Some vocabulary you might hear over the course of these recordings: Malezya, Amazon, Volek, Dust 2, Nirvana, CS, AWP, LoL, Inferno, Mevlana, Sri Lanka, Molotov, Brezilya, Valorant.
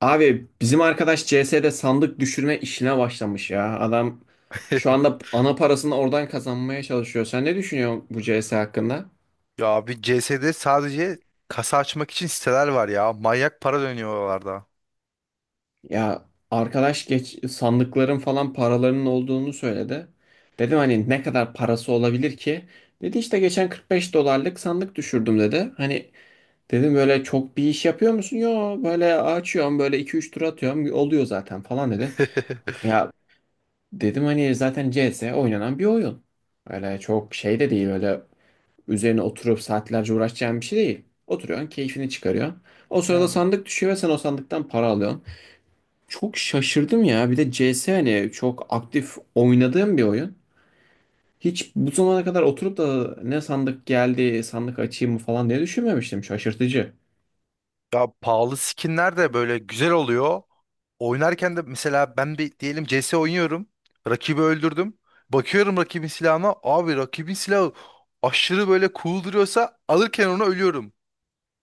Abi bizim arkadaş CS'de sandık düşürme işine başlamış ya. Adam şu anda ana parasını oradan kazanmaya çalışıyor. Sen ne düşünüyorsun bu CS hakkında? Ya abi, CS'de sadece kasa açmak için siteler var ya. Manyak para dönüyor oralarda. Ya arkadaş geç sandıkların falan paralarının olduğunu söyledi. Dedim hani ne kadar parası olabilir ki? Dedi işte geçen 45 dolarlık sandık düşürdüm dedi. Hani dedim böyle çok bir iş yapıyor musun? Yo, böyle açıyorum, böyle iki üç tur atıyorum oluyor zaten falan dedi. Ya, dedim hani zaten CS oynanan bir oyun. Öyle çok şey de değil, öyle üzerine oturup saatlerce uğraşacağın bir şey değil. Oturuyorsun, keyfini çıkarıyorsun. O sırada Yani. sandık düşüyor ve sen o sandıktan para alıyorsun. Çok şaşırdım ya, bir de CS hani çok aktif oynadığım bir oyun. Hiç bu zamana kadar oturup da ne sandık geldi, sandık açayım mı falan diye düşünmemiştim, şaşırtıcı. Ya, pahalı skinler de böyle güzel oluyor. Oynarken de mesela ben bir diyelim CS oynuyorum. Rakibi öldürdüm. Bakıyorum rakibin silahına. Abi, rakibin silahı aşırı böyle cool duruyorsa alırken onu ölüyorum.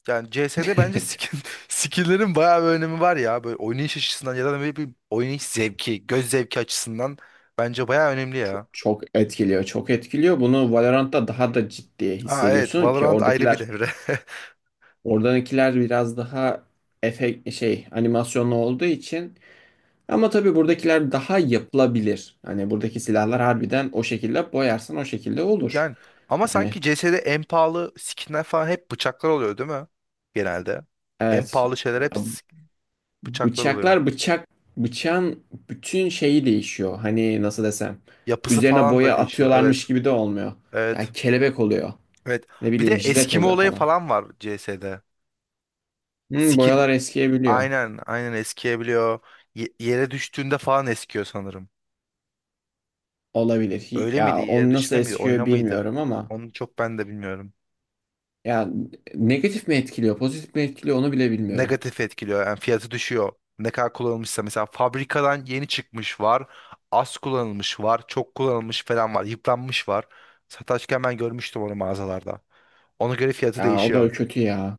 Yani CS'de bence skinlerin bayağı bir önemi var ya. Böyle oynayış açısından ya da böyle bir oynayış zevki, göz zevki açısından bence bayağı önemli Çok, ya. çok etkiliyor, çok etkiliyor bunu, Valorant'ta daha da ciddi Aa, evet, hissediyorsun ki Valorant ayrı bir oradakiler, devre. oradakiler biraz daha efekt şey animasyonlu olduğu için, ama tabii buradakiler daha yapılabilir. Hani buradaki silahlar harbiden o şekilde boyarsan o şekilde olur. Yani ama Yani sanki CS'de en pahalı skinler falan hep bıçaklar oluyor, değil mi? Genelde. En evet, pahalı şeyler hep bıçaklar oluyor. Bıçak bıçağın bütün şeyi değişiyor. Hani nasıl desem, Yapısı üzerine falan da boya değişiyor. atıyorlarmış Evet. gibi de olmuyor. Yani Evet. kelebek oluyor. Evet. Ne Bir de bileyim jilet eskime oluyor olayı falan. falan var CS'de. Hı, Skin Boyalar eskiyebiliyor. aynen, aynen eskiyebiliyor. Yere düştüğünde falan eskiyor sanırım. Olabilir. Öyle miydi? Ya Yere onu nasıl düşme miydi? Oyna eskiyor mıydı? bilmiyorum ama Onu çok ben de bilmiyorum. ya negatif mi etkiliyor, pozitif mi etkiliyor onu bile bilmiyorum. Negatif etkiliyor. Yani fiyatı düşüyor. Ne kadar kullanılmışsa mesela fabrikadan yeni çıkmış var. Az kullanılmış var. Çok kullanılmış falan var. Yıpranmış var. Satarken ben görmüştüm onu mağazalarda. Ona göre fiyatı Ya o değişiyor. da kötü ya.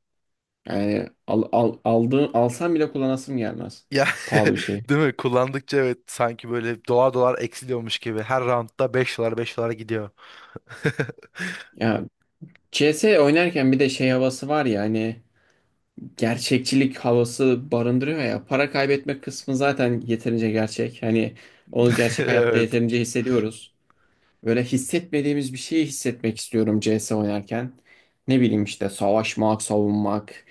Yani aldığın, alsam bile kullanasım gelmez. Ya, Pahalı bir şey. değil mi? Kullandıkça, evet, sanki böyle dolar dolar eksiliyormuş gibi. Her roundda 5 dolar, 5 dolara gidiyor. Ya CS oynarken bir de şey havası var ya, hani gerçekçilik havası barındırıyor ya. Para kaybetme kısmı zaten yeterince gerçek. Hani onu gerçek hayatta Evet. yeterince hissediyoruz. Böyle hissetmediğimiz bir şeyi hissetmek istiyorum CS oynarken. Ne bileyim işte savaşmak, savunmak,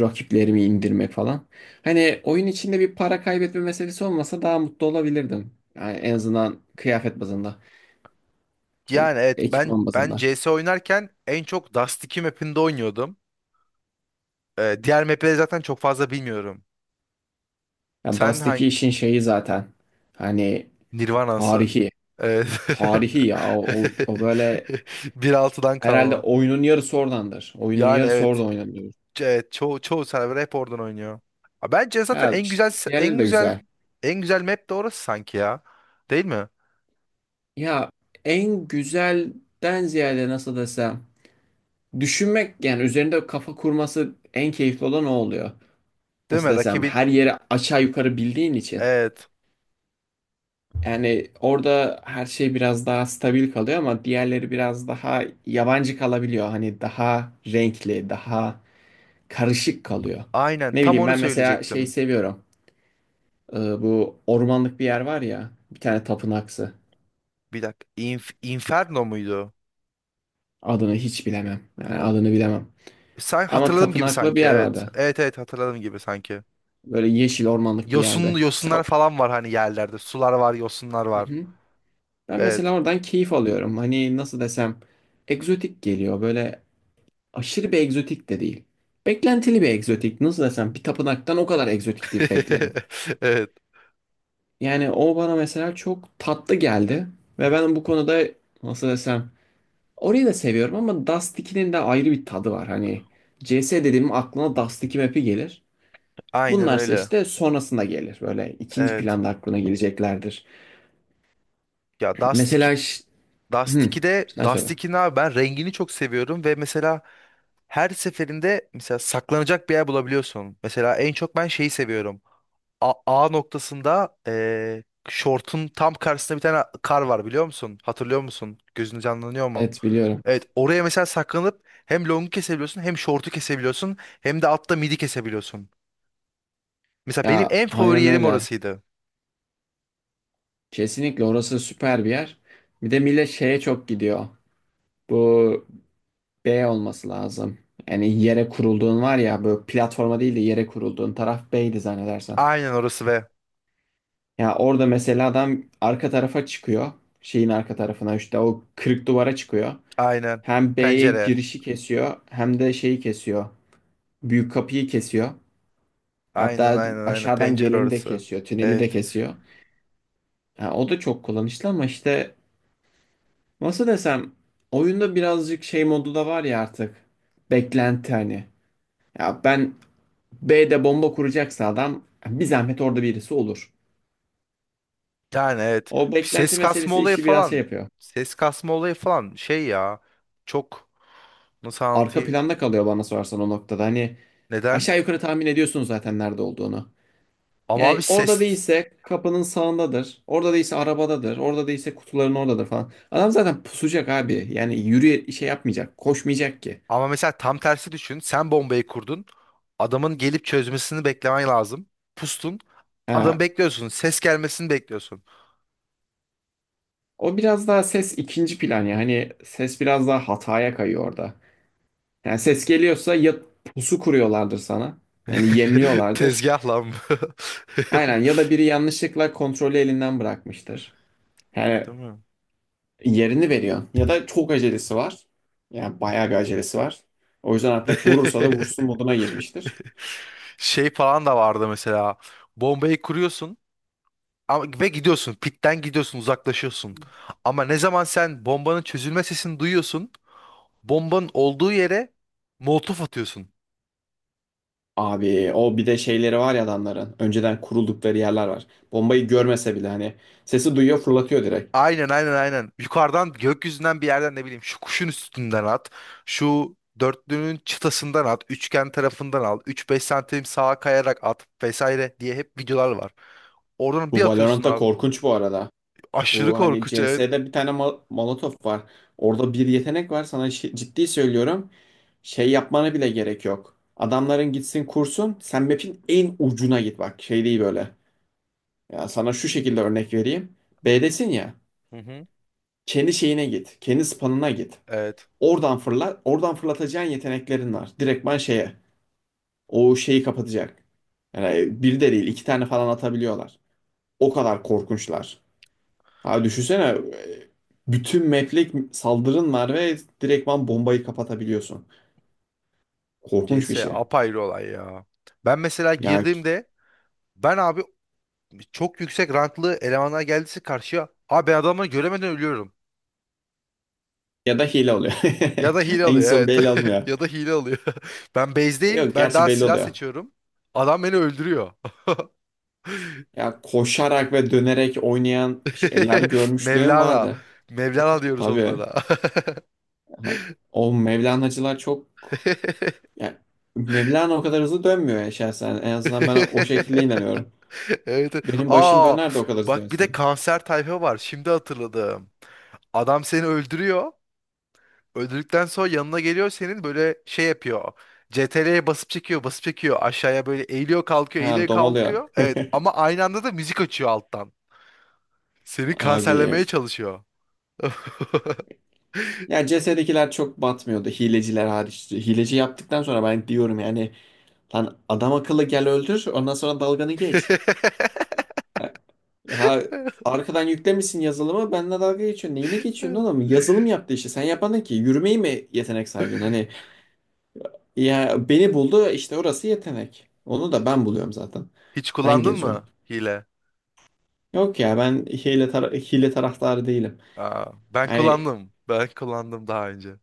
rakiplerimi indirmek falan. Hani oyun içinde bir para kaybetme meselesi olmasa daha mutlu olabilirdim. Yani en azından kıyafet bazında, e, Yani, evet, ben ekipman ben bazında. CS oynarken en çok Dust 2 map'inde oynuyordum. Diğer map'leri zaten çok fazla bilmiyorum. Yani Sen Dust'taki hangi işin şeyi zaten hani Nirvana'sı. tarihi, Evet. Ya o böyle, Bir altıdan herhalde kalma. oyunun yarısı oradandır. Oyunun Yani, yarısı evet. orada oynanıyor. Evet, çoğu server hep oradan oynuyor. Ha, bence zaten Ha, işte diğerleri en de güzel güzel. en güzel map de orası sanki ya. Değil mi? Ya en güzelden ziyade, nasıl desem, düşünmek yani, üzerinde kafa kurması en keyifli olan o oluyor. Değil Nasıl mi? desem, Rakibi, her yeri aşağı yukarı bildiğin için. evet. Yani orada her şey biraz daha stabil kalıyor ama diğerleri biraz daha yabancı kalabiliyor. Hani daha renkli, daha karışık kalıyor. Aynen, Ne tam bileyim onu ben mesela şeyi söyleyecektim. seviyorum. Bu ormanlık bir yer var ya, bir tane tapınaksı. Bir dakika. Inferno muydu? Adını hiç bilemem. Yani O, adını bilemem. Ama hatırladığım gibi tapınaklı bir sanki, yer evet. vardı. Evet, evet, hatırladığım gibi sanki. Böyle yeşil ormanlık bir Yosun yerde. yosunlar Mesela falan var hani yerlerde. Sular var, yosunlar hı var. hı, ben Evet. mesela oradan keyif alıyorum. Hani nasıl desem, egzotik geliyor. Böyle aşırı bir egzotik de değil. Beklentili bir egzotik. Nasıl desem, bir tapınaktan o kadar egzotiklik beklerim. Evet. Yani o bana mesela çok tatlı geldi. Ve ben bu konuda, nasıl desem, orayı da seviyorum ama Dust 2'nin de ayrı bir tadı var. Hani CS dediğim aklına Dust 2 map'i gelir. Aynen Bunlarsa öyle. işte sonrasında gelir. Böyle ikinci Evet. planda aklına geleceklerdir. Ya, Dust 2, Mesela, Dust Hı, 2'de sen söyle. Dust 2'nin abi, ben rengini çok seviyorum ve mesela her seferinde mesela saklanacak bir yer bulabiliyorsun. Mesela en çok ben şeyi seviyorum. A noktasında, şortun tam karşısında bir tane kar var, biliyor musun? Hatırlıyor musun? Gözün canlanıyor mu? Evet, biliyorum. Evet, oraya mesela saklanıp hem longu kesebiliyorsun hem şortu kesebiliyorsun hem de altta midi kesebiliyorsun. Mesela benim Ya en favori aynen yerim öyle. orasıydı. Kesinlikle orası süper bir yer. Bir de millet şeye çok gidiyor. Bu B olması lazım. Yani yere kurulduğun var ya, böyle platforma değil de yere kurulduğun taraf B'ydi zannedersen. Aynen orası, ve Ya orada mesela adam arka tarafa çıkıyor. Şeyin arka tarafına işte o kırık duvara çıkıyor. aynen Hem B'ye pencere. girişi kesiyor hem de şeyi kesiyor. Büyük kapıyı kesiyor. Aynen, Hatta aynen, aynen, aşağıdan pencere geleni de orası. kesiyor. Tüneli de Evet. kesiyor. Ya o da çok kullanışlı ama işte, nasıl desem, oyunda birazcık şey modu da var ya artık. Beklenti hani. Ya ben, B'de bomba kuracaksa adam bir zahmet orada birisi olur. Yani, evet. O Bir ses beklenti kasma meselesi olayı işi biraz şey falan. yapıyor. Ses kasma olayı falan şey ya. Çok, nasıl Arka anlatayım? planda kalıyor bana sorarsan o noktada. Hani Neden? aşağı yukarı tahmin ediyorsun zaten nerede olduğunu. Ama abi, Yani orada ses. değilse kapının sağındadır. Orada değilse arabadadır. Orada değilse kutuların oradadır falan. Adam zaten pusacak abi. Yani yürüye şey yapmayacak. Koşmayacak ki. Ama mesela tam tersi düşün. Sen bombayı kurdun. Adamın gelip çözmesini beklemen lazım. Pustun. Ha, Bekliyorsun. Ses gelmesini bekliyorsun. o biraz daha ses ikinci plan ya. Hani ses biraz daha hataya kayıyor orada. Yani ses geliyorsa ya pusu kuruyorlardır sana. Yani yemliyorlardır. Tezgah lan bu. Aynen, ya da biri yanlışlıkla kontrolü elinden bırakmıştır. Yani Değil mi? yerini veriyorsun. Ya da çok acelesi var. Yani bayağı bir acelesi var. O yüzden hatta vurursa da vursun moduna girmiştir. Şey falan da vardı mesela. Bombayı kuruyorsun. Ve gidiyorsun. Pitten gidiyorsun, uzaklaşıyorsun. Ama ne zaman sen bombanın çözülme sesini duyuyorsun, bombanın olduğu yere molotof atıyorsun. Abi o bir de şeyleri var ya adamların. Önceden kuruldukları yerler var. Bombayı görmese bile hani sesi duyuyor, fırlatıyor direkt. Aynen, aynen, aynen. Yukarıdan, gökyüzünden bir yerden ne bileyim, şu kuşun üstünden at. Şu dörtlünün çıtasından at. Üçgen tarafından al. Üç beş santim sağa kayarak at vesaire diye hep videolar var. Oradan bir Bu atıyorsun Valorant'ta abi. korkunç bu arada. Aşırı Bu hani korkunç, evet. CS'de bir tane Molotov var. Orada bir yetenek var, sana ciddi söylüyorum. Şey yapmana bile gerek yok. Adamların gitsin kursun, sen map'in en ucuna git, bak şey değil böyle. Ya sana şu şekilde örnek vereyim. B'desin ya, Hı hı. kendi şeyine git, kendi spawn'ına git. Evet. Oradan fırlat, oradan fırlatacağın yeteneklerin var. Direktman şeye. O şeyi kapatacak. Yani bir de değil iki tane falan atabiliyorlar. O kadar korkunçlar. Ha düşünsene, e, bütün map'lik saldırın var ve direktman bombayı kapatabiliyorsun. Korkunç CS bir şey. apayrı olay ya. Ben mesela Ya girdiğimde, ben abi, çok yüksek ranklı elemanlar geldiyse karşıya, abi, ben adamları göremeden ölüyorum. ya da hile oluyor. Ya da hile alıyor, Hangisi o evet. belli olmuyor. Ya da hile alıyor. Ben base'deyim. Yok, Ben gerçi daha belli silah oluyor. seçiyorum. Adam beni öldürüyor. Ya koşarak ve dönerek oynayan şeyler görmüşlüğüm Mevlana. vardı. Mevlana diyoruz Tabii. onlara. Ha, o Mevlana'cılar çok... Ya Mevlana o kadar hızlı dönmüyor ya şahsen. En azından ben o şekilde inanıyorum. Evet, evet. Benim başım Aa, döner de o kadar hızlı bak, bir dönse. de kanser tayfa var. Şimdi hatırladım. Adam seni öldürüyor. Öldürdükten sonra yanına geliyor, senin böyle şey yapıyor. CTRL'ye basıp çekiyor, basıp çekiyor. Aşağıya böyle eğiliyor, kalkıyor, eğiliyor, Ha domalıyor. kalkıyor. Evet, ama aynı anda da müzik açıyor alttan. Seni Abi. kanserlemeye çalışıyor. Ya CS'dekiler çok batmıyordu. Hileciler hariç. Hileci yaptıktan sonra ben diyorum yani, lan adam akıllı gel öldür, ondan sonra dalganı geç. Ha, ha, arkadan yüklemişsin yazılımı, benimle dalga geçiyorsun. Neyine geçiyorsun oğlum? Yazılım yaptı işte. Sen yapanın ki yürümeyi mi yetenek saydın? Hani ya beni buldu işte, orası yetenek. Onu da ben buluyorum zaten. Hiç Ben kullandın geziyorum. mı hile? Yok ya, ben hile, hile taraftarı değilim. Aa, ben Yani kullandım. Ben kullandım daha önce.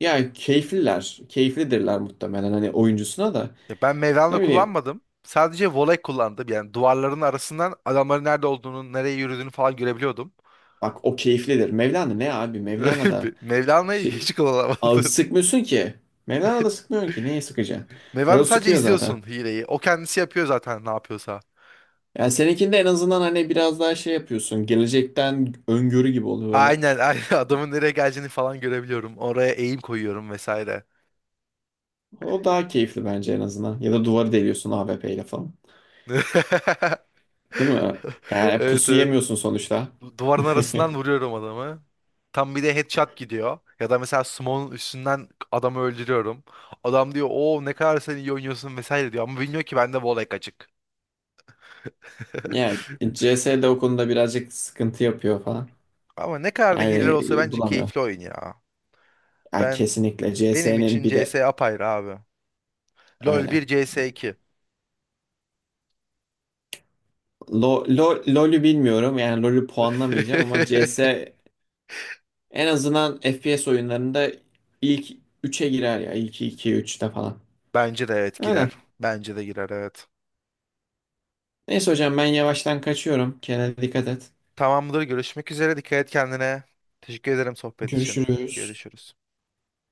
ya keyifliler, keyiflidirler muhtemelen, hani oyuncusuna da. Ya, ben Mevlana Ne bileyim, kullanmadım. Sadece voley kullandım. Yani duvarların arasından adamların nerede olduğunu, nereye yürüdüğünü falan görebiliyordum. bak o keyiflidir. Mevlana ne abi? Mevlana da Mevlana'yı şi- hiç ağı kullanamadım. sıkmıyorsun ki. Mevlana da sıkmıyorsun ki. Neye sıkacaksın? Mevlana, Öyle sadece sıkıyor zaten. izliyorsun hileyi. O kendisi yapıyor zaten, ne yapıyorsa. Yani seninkinde en azından hani biraz daha şey yapıyorsun. Gelecekten öngörü gibi oluyor böyle. Aynen, aynen. Adamın nereye geleceğini falan görebiliyorum. Oraya eğim koyuyorum vesaire. O daha keyifli bence en azından. Ya da duvarı deliyorsun AWP ile falan. Değil mi? Yani Evet, pusu evet. yemiyorsun sonuçta. Duvarın arasından vuruyorum adamı. Tam bir de headshot gidiyor. Ya da mesela smoke'un üstünden adamı öldürüyorum. Adam diyor, "O ne kadar sen iyi oynuyorsun" vesaire diyor. Ama bilmiyor ki bende Volek açık. Yani CS de o konuda birazcık sıkıntı yapıyor falan. Ama ne kadar da hiller Yani olsa bence bulamıyor. keyifli oyun ya. Ya Ben kesinlikle benim CS'nin için bir de CS apayrı abi. LoL öyle. 1, CS iki. LoL'ü bilmiyorum yani, LoL'ü puanlamayacağım ama CS en azından FPS oyunlarında ilk üçe girer ya, ilk 2 üçte falan. Bence de, evet, Öyle. girer. Bence de girer, evet. Neyse hocam ben yavaştan kaçıyorum. Kendine dikkat et. Tamamdır, görüşmek üzere. Dikkat et kendine. Teşekkür ederim sohbet için. Görüşürüz. Görüşürüz.